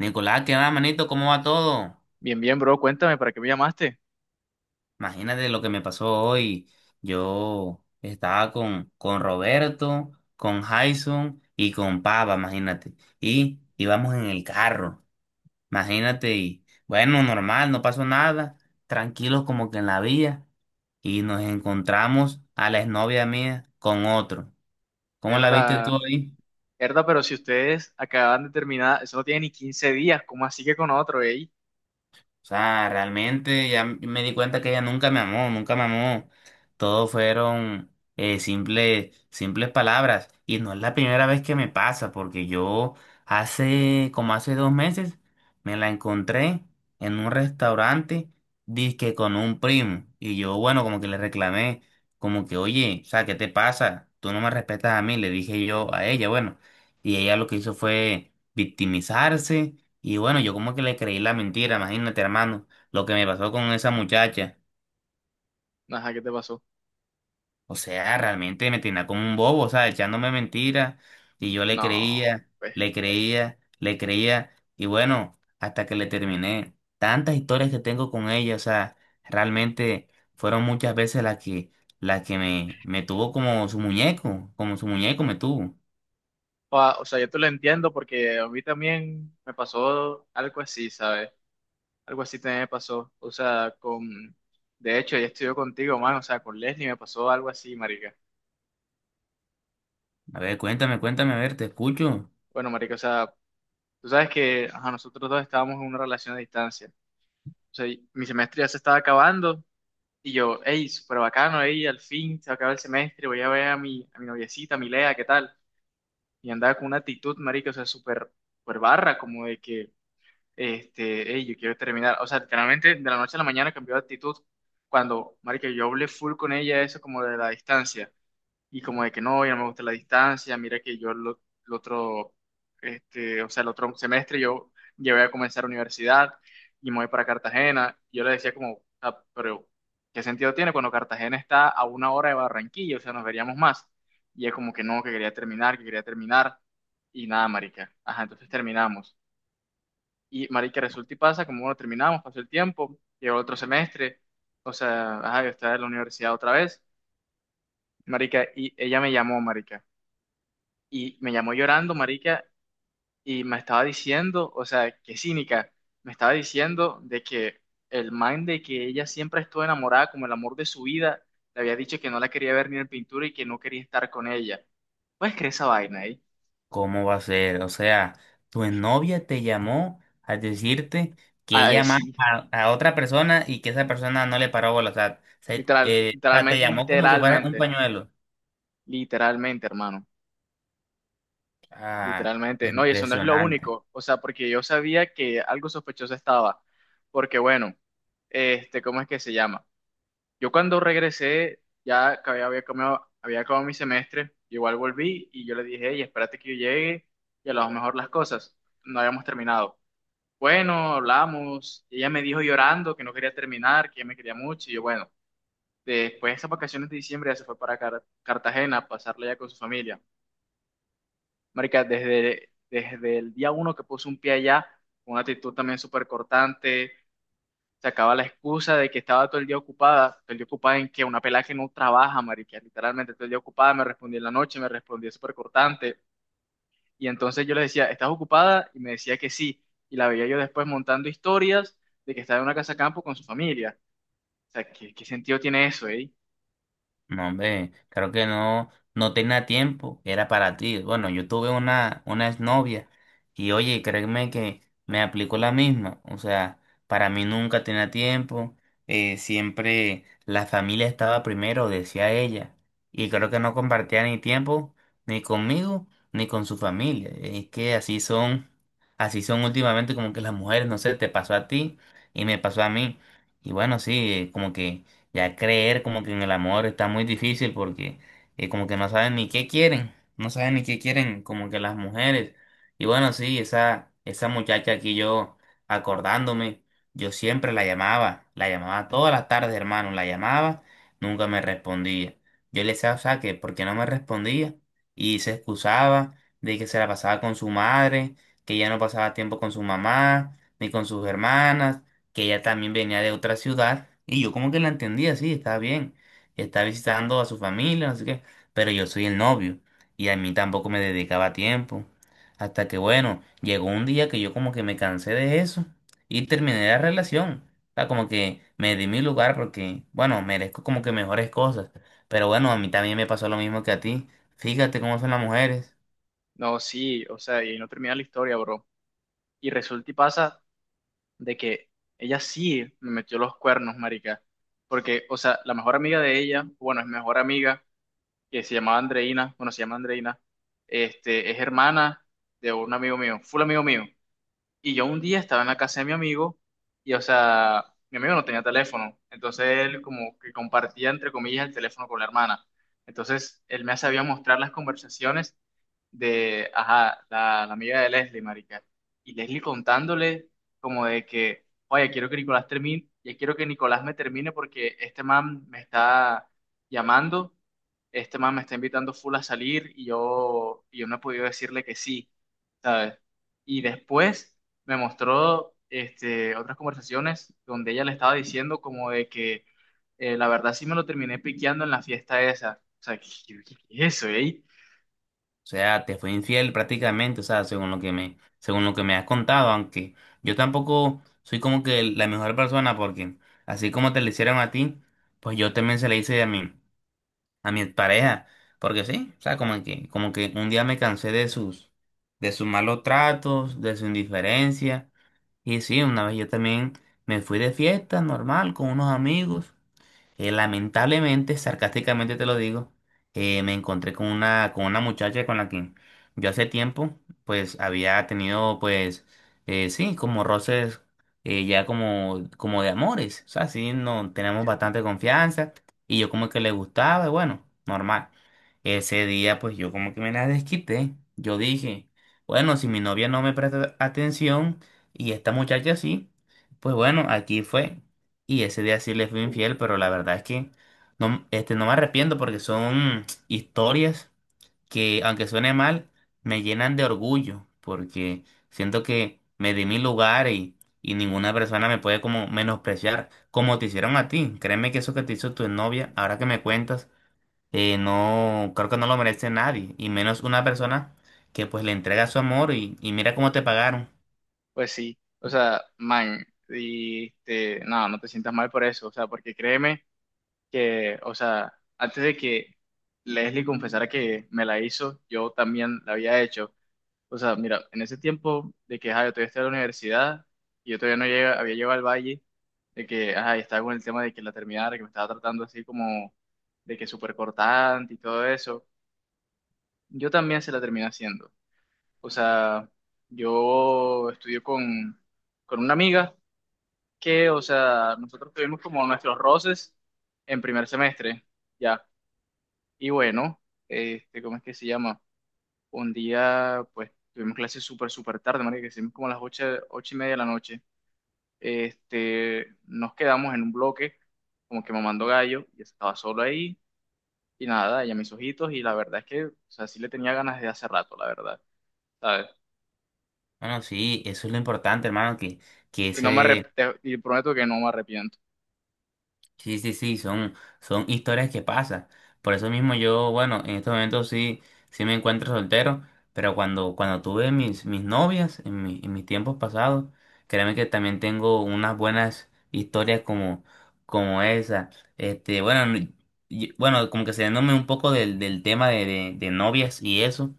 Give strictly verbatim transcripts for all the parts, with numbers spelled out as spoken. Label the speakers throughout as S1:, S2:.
S1: Nicolás, ¿qué va, manito? ¿Cómo va todo?
S2: Bien, bien, bro, cuéntame, ¿para qué me llamaste?
S1: Imagínate lo que me pasó hoy. Yo estaba con, con Roberto, con Jason y con Papa, imagínate. Y íbamos en el carro, imagínate. Y bueno, normal, no pasó nada. Tranquilos como que en la vía. Y nos encontramos a la exnovia mía con otro. ¿Cómo la viste tú
S2: Herda,
S1: ahí?
S2: herda, pero si ustedes acaban de terminar, eso no tiene ni quince días, ¿cómo así que con otro, eh?
S1: O sea, realmente ya me di cuenta que ella nunca me amó, nunca me amó. Todo fueron eh, simples, simples palabras. Y no es la primera vez que me pasa, porque yo hace, como hace dos meses me la encontré en un restaurante, disque con un primo. Y yo, bueno, como que le reclamé, como que, oye, o sea, ¿qué te pasa? Tú no me respetas a mí, le dije yo a ella, bueno. Y ella lo que hizo fue victimizarse, y bueno, yo como que le creí la mentira, imagínate, hermano, lo que me pasó con esa muchacha.
S2: Ajá, ¿qué te pasó?
S1: O sea, realmente me tenía como un bobo, o sea, echándome mentiras. Y yo le
S2: No,
S1: creía,
S2: pues,
S1: le creía, le creía. Y bueno, hasta que le terminé. Tantas historias que tengo con ella, o sea, realmente fueron muchas veces las que, las que me, me tuvo como su muñeco, como su muñeco me tuvo.
S2: o, o sea, yo te lo entiendo porque a mí también me pasó algo así, ¿sabes? Algo así también me pasó, o sea, con, de hecho, ya estudió contigo, man, o sea, con Leslie me pasó algo así, marica.
S1: A ver, cuéntame, cuéntame, a ver, te escucho.
S2: Bueno, marica, o sea, tú sabes que, ajá, nosotros dos estábamos en una relación a distancia, o sea, y mi semestre ya se estaba acabando. Y yo, hey, súper bacano, hey, al fin se acaba el semestre, voy a ver a mi, a mi noviecita, a mi Lea, ¿qué tal? Y andaba con una actitud, marica, o sea, súper, súper barra, como de que, este, hey, yo quiero terminar. O sea, literalmente de la noche a la mañana cambió de actitud cuando, marica, yo hablé full con ella, eso como de la distancia y como de que no, ya no me gusta la distancia, mira que yo lo- el otro, este, o sea, el otro semestre yo ya voy a comenzar universidad y me voy para Cartagena. Y yo le decía como, "Ah, pero ¿qué sentido tiene cuando Cartagena está a una hora de Barranquilla? O sea, nos veríamos más". Y es como que no, que quería terminar, que quería terminar y nada, marica. Ajá, entonces terminamos. Y marica, resulta y pasa, como bueno, terminamos, pasó el tiempo, llegó otro semestre, o sea, ajá, yo estaba en la universidad otra vez, marica, y ella me llamó, marica, y me llamó llorando, marica, y me estaba diciendo, o sea, qué cínica, me estaba diciendo de que el man de que ella siempre estuvo enamorada como el amor de su vida, le había dicho que no la quería ver ni en pintura y que no quería estar con ella. ¿Puedes creer esa vaina ahí?
S1: ¿Cómo va a ser? O sea, tu novia te llamó a decirte que
S2: Ah,
S1: ella
S2: eh,
S1: ama
S2: sí,
S1: a, a otra persona y que esa persona no le paró bola. O sea, se-
S2: literal,
S1: eh, o sea, te
S2: literalmente,
S1: llamó como si fuera un
S2: literalmente,
S1: pañuelo.
S2: literalmente, hermano,
S1: Ah,
S2: literalmente. No, y eso no es lo
S1: impresionante.
S2: único, o sea, porque yo sabía que algo sospechoso estaba, porque bueno, este, ¿cómo es que se llama? Yo cuando regresé, ya que había, había acabado había acabado mi semestre, igual volví y yo le dije, hey, espérate que yo llegue y a lo mejor las cosas. No habíamos terminado. Bueno, hablamos, y ella me dijo llorando que no quería terminar, que ella me quería mucho, y yo, bueno, después de esas vacaciones de diciembre ya se fue para Car- Cartagena a pasarla ya con su familia. Marica, desde, desde el día uno que puso un pie allá, con una actitud también súper cortante, sacaba la excusa de que estaba todo el día ocupada, todo el día ocupada en que una pelada que no trabaja, marica, literalmente todo el día ocupada, me respondía en la noche, me respondía súper cortante, y entonces yo le decía, ¿estás ocupada? Y me decía que sí, y la veía yo después montando historias de que estaba en una casa campo con su familia, o sea, ¿qué, qué sentido tiene eso, eh?
S1: No, hombre, creo que no, no tenía tiempo, era para ti. Bueno, yo tuve una, una exnovia y oye, créeme que me aplicó la misma. O sea, para mí nunca tenía tiempo, eh, siempre la familia estaba primero, decía ella. Y creo que no compartía ni tiempo, ni conmigo, ni con su familia. Es que así son, así son últimamente como que las mujeres, no sé, te pasó a ti y me pasó a mí. Y bueno, sí, eh, como que ya creer como que en el amor está muy difícil porque eh, como que no saben ni qué quieren, no saben ni qué quieren como que las mujeres. Y bueno, sí, esa, esa muchacha aquí yo acordándome, yo siempre la llamaba, la llamaba todas las tardes, hermano, la llamaba, nunca me respondía. Yo le decía, o sea, que porque no me respondía y se excusaba de que se la pasaba con su madre, que ya no pasaba tiempo con su mamá, ni con sus hermanas, que ella también venía de otra ciudad y yo como que la entendía, sí, está bien, está visitando a su familia, así que, pero yo soy el novio y a mí tampoco me dedicaba tiempo. Hasta que bueno, llegó un día que yo como que me cansé de eso y terminé la relación. O sea, como que me di mi lugar porque, bueno, merezco como que mejores cosas. Pero bueno, a mí también me pasó lo mismo que a ti. Fíjate cómo son las mujeres.
S2: No, sí, o sea, y no termina la historia, bro, y resulta y pasa de que ella sí me metió los cuernos, marica, porque, o sea, la mejor amiga de ella, bueno, es mejor amiga, que se llamaba Andreina, bueno, se llama Andreina, este, es hermana de un amigo mío, full amigo mío. Y yo un día estaba en la casa de mi amigo y, o sea, mi amigo no tenía teléfono, entonces él como que compartía, entre comillas, el teléfono con la hermana. Entonces él me sabía mostrar las conversaciones de, ajá, la, la amiga de Leslie, marica. Y Leslie contándole como de que, oye, quiero que Nicolás termine, ya quiero que Nicolás me termine porque este man me está llamando, este man me está invitando full a salir y yo, y yo no he podido decirle que sí, ¿sabes? Y después me mostró este, otras conversaciones donde ella le estaba diciendo como de que eh, la verdad sí me lo terminé piqueando en la fiesta esa. O sea, ¿qué, qué- ¿qué es eso, eh?
S1: O sea, te fue infiel prácticamente, o sea, según lo que me, según lo que me has contado, aunque yo tampoco soy como que la mejor persona porque así como te lo hicieron a ti, pues yo también se le hice a mi, a mi pareja, porque sí, o sea, como que, como que un día me cansé de sus, de sus malos tratos, de su indiferencia, y sí, una vez yo también me fui de fiesta normal con unos amigos, eh, lamentablemente, sarcásticamente te lo digo, eh, me encontré con una, con una muchacha con la que yo hace tiempo, pues, había tenido, pues, eh, sí, como roces, eh, ya como, como de amores. O sea, sí, no, tenemos bastante confianza y yo como que le gustaba, y bueno, normal. Ese día, pues, yo como que me la desquité. Yo dije, bueno, si mi novia no me presta atención y esta muchacha sí, pues bueno, aquí fue. Y ese día sí les fui infiel, pero la verdad es que no, este, no me arrepiento porque son historias que, aunque suene mal, me llenan de orgullo, porque siento que me di mi lugar y, y ninguna persona me puede como menospreciar, como te hicieron a ti. Créeme que eso que te hizo tu novia, ahora que me cuentas, eh, no, creo que no lo merece nadie, y menos una persona que pues le entrega su amor y, y mira cómo te pagaron.
S2: Pues sí, o sea, man, y este, no, no te sientas mal por eso, o sea, porque créeme que, o sea, antes de que Leslie confesara que me la hizo, yo también la había hecho. O sea, mira, en ese tiempo de que, ajá, yo todavía estaba en la universidad y yo todavía no llega- había llegado al valle, de que, ajá, y estaba con el tema de que la terminara, que me estaba tratando así como de que súper cortante y todo eso, yo también se la terminé haciendo. O sea, yo estudio con, con una amiga que, o sea, nosotros tuvimos como nuestros roces en primer semestre, ya. Y bueno, este, ¿cómo es que se llama? Un día, pues, tuvimos clases súper, súper tarde, marica, que hicimos como a las ocho, ocho y media de la noche. Este, nos quedamos en un bloque, como que mamando gallo, y estaba solo ahí, y nada, ella mis ojitos, y la verdad es que, o sea, sí le tenía ganas de hace rato, la verdad, ¿sabes?
S1: Bueno, sí, eso es lo importante, hermano, que, que
S2: Y no me arrep-
S1: ese.
S2: te- y prometo que no me arrepiento.
S1: Sí, sí, sí, son, son historias que pasan. Por eso mismo yo, bueno, en estos momentos sí, sí me encuentro soltero, pero cuando, cuando tuve mis, mis novias en, mi- en mis tiempos pasados, créeme que también tengo unas buenas historias como, como esa. Este, bueno, n- y- bueno, como que saliéndome un poco del, del tema de, de, de novias y eso.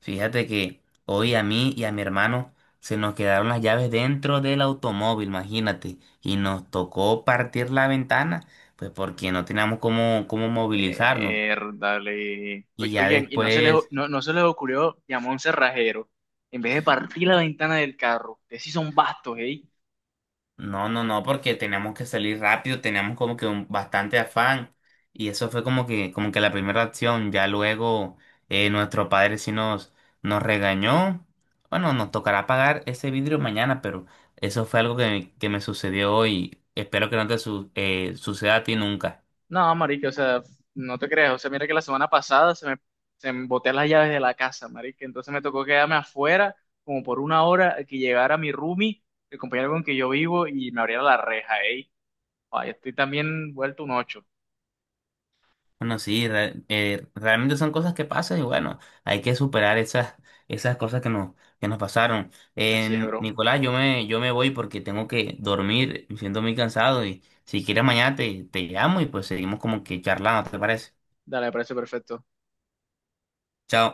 S1: Fíjate que hoy a mí y a mi hermano se nos quedaron las llaves dentro del automóvil, imagínate, y nos tocó partir la ventana, pues porque no teníamos cómo, cómo movilizarnos.
S2: Dale.
S1: Y ya no.
S2: Oye, y no se les, o-
S1: Después
S2: no, no se les ocurrió llamar a un cerrajero en vez de partir la ventana del carro. Ustedes sí son bastos, ¿eh?
S1: no, no, no, porque teníamos que salir rápido, teníamos como que un, bastante afán y eso fue como que, como que la primera acción. Ya luego eh, nuestro padre sí nos, nos regañó. Bueno, nos tocará pagar ese vidrio mañana, pero eso fue algo que, que me sucedió hoy. Espero que no te su- eh, suceda a ti nunca.
S2: No, marica, o sea, no te creas. O sea, mira que la semana pasada se me, se me boté las llaves de la casa, marica. Entonces me tocó quedarme afuera como por una hora a que llegara mi roomie, el compañero con que yo vivo, y me abriera la reja, ¿eh? Ay, estoy también vuelto un ocho.
S1: Bueno, sí, re- eh, realmente son cosas que pasan y bueno, hay que superar esas, esas cosas que nos, que nos pasaron.
S2: Así es,
S1: Eh,
S2: bro.
S1: Nicolás, yo me, yo me voy porque tengo que dormir, me siento muy cansado y si quieres mañana te, te llamo y pues seguimos como que charlando, ¿te parece?
S2: Dale, me parece perfecto.
S1: Chao.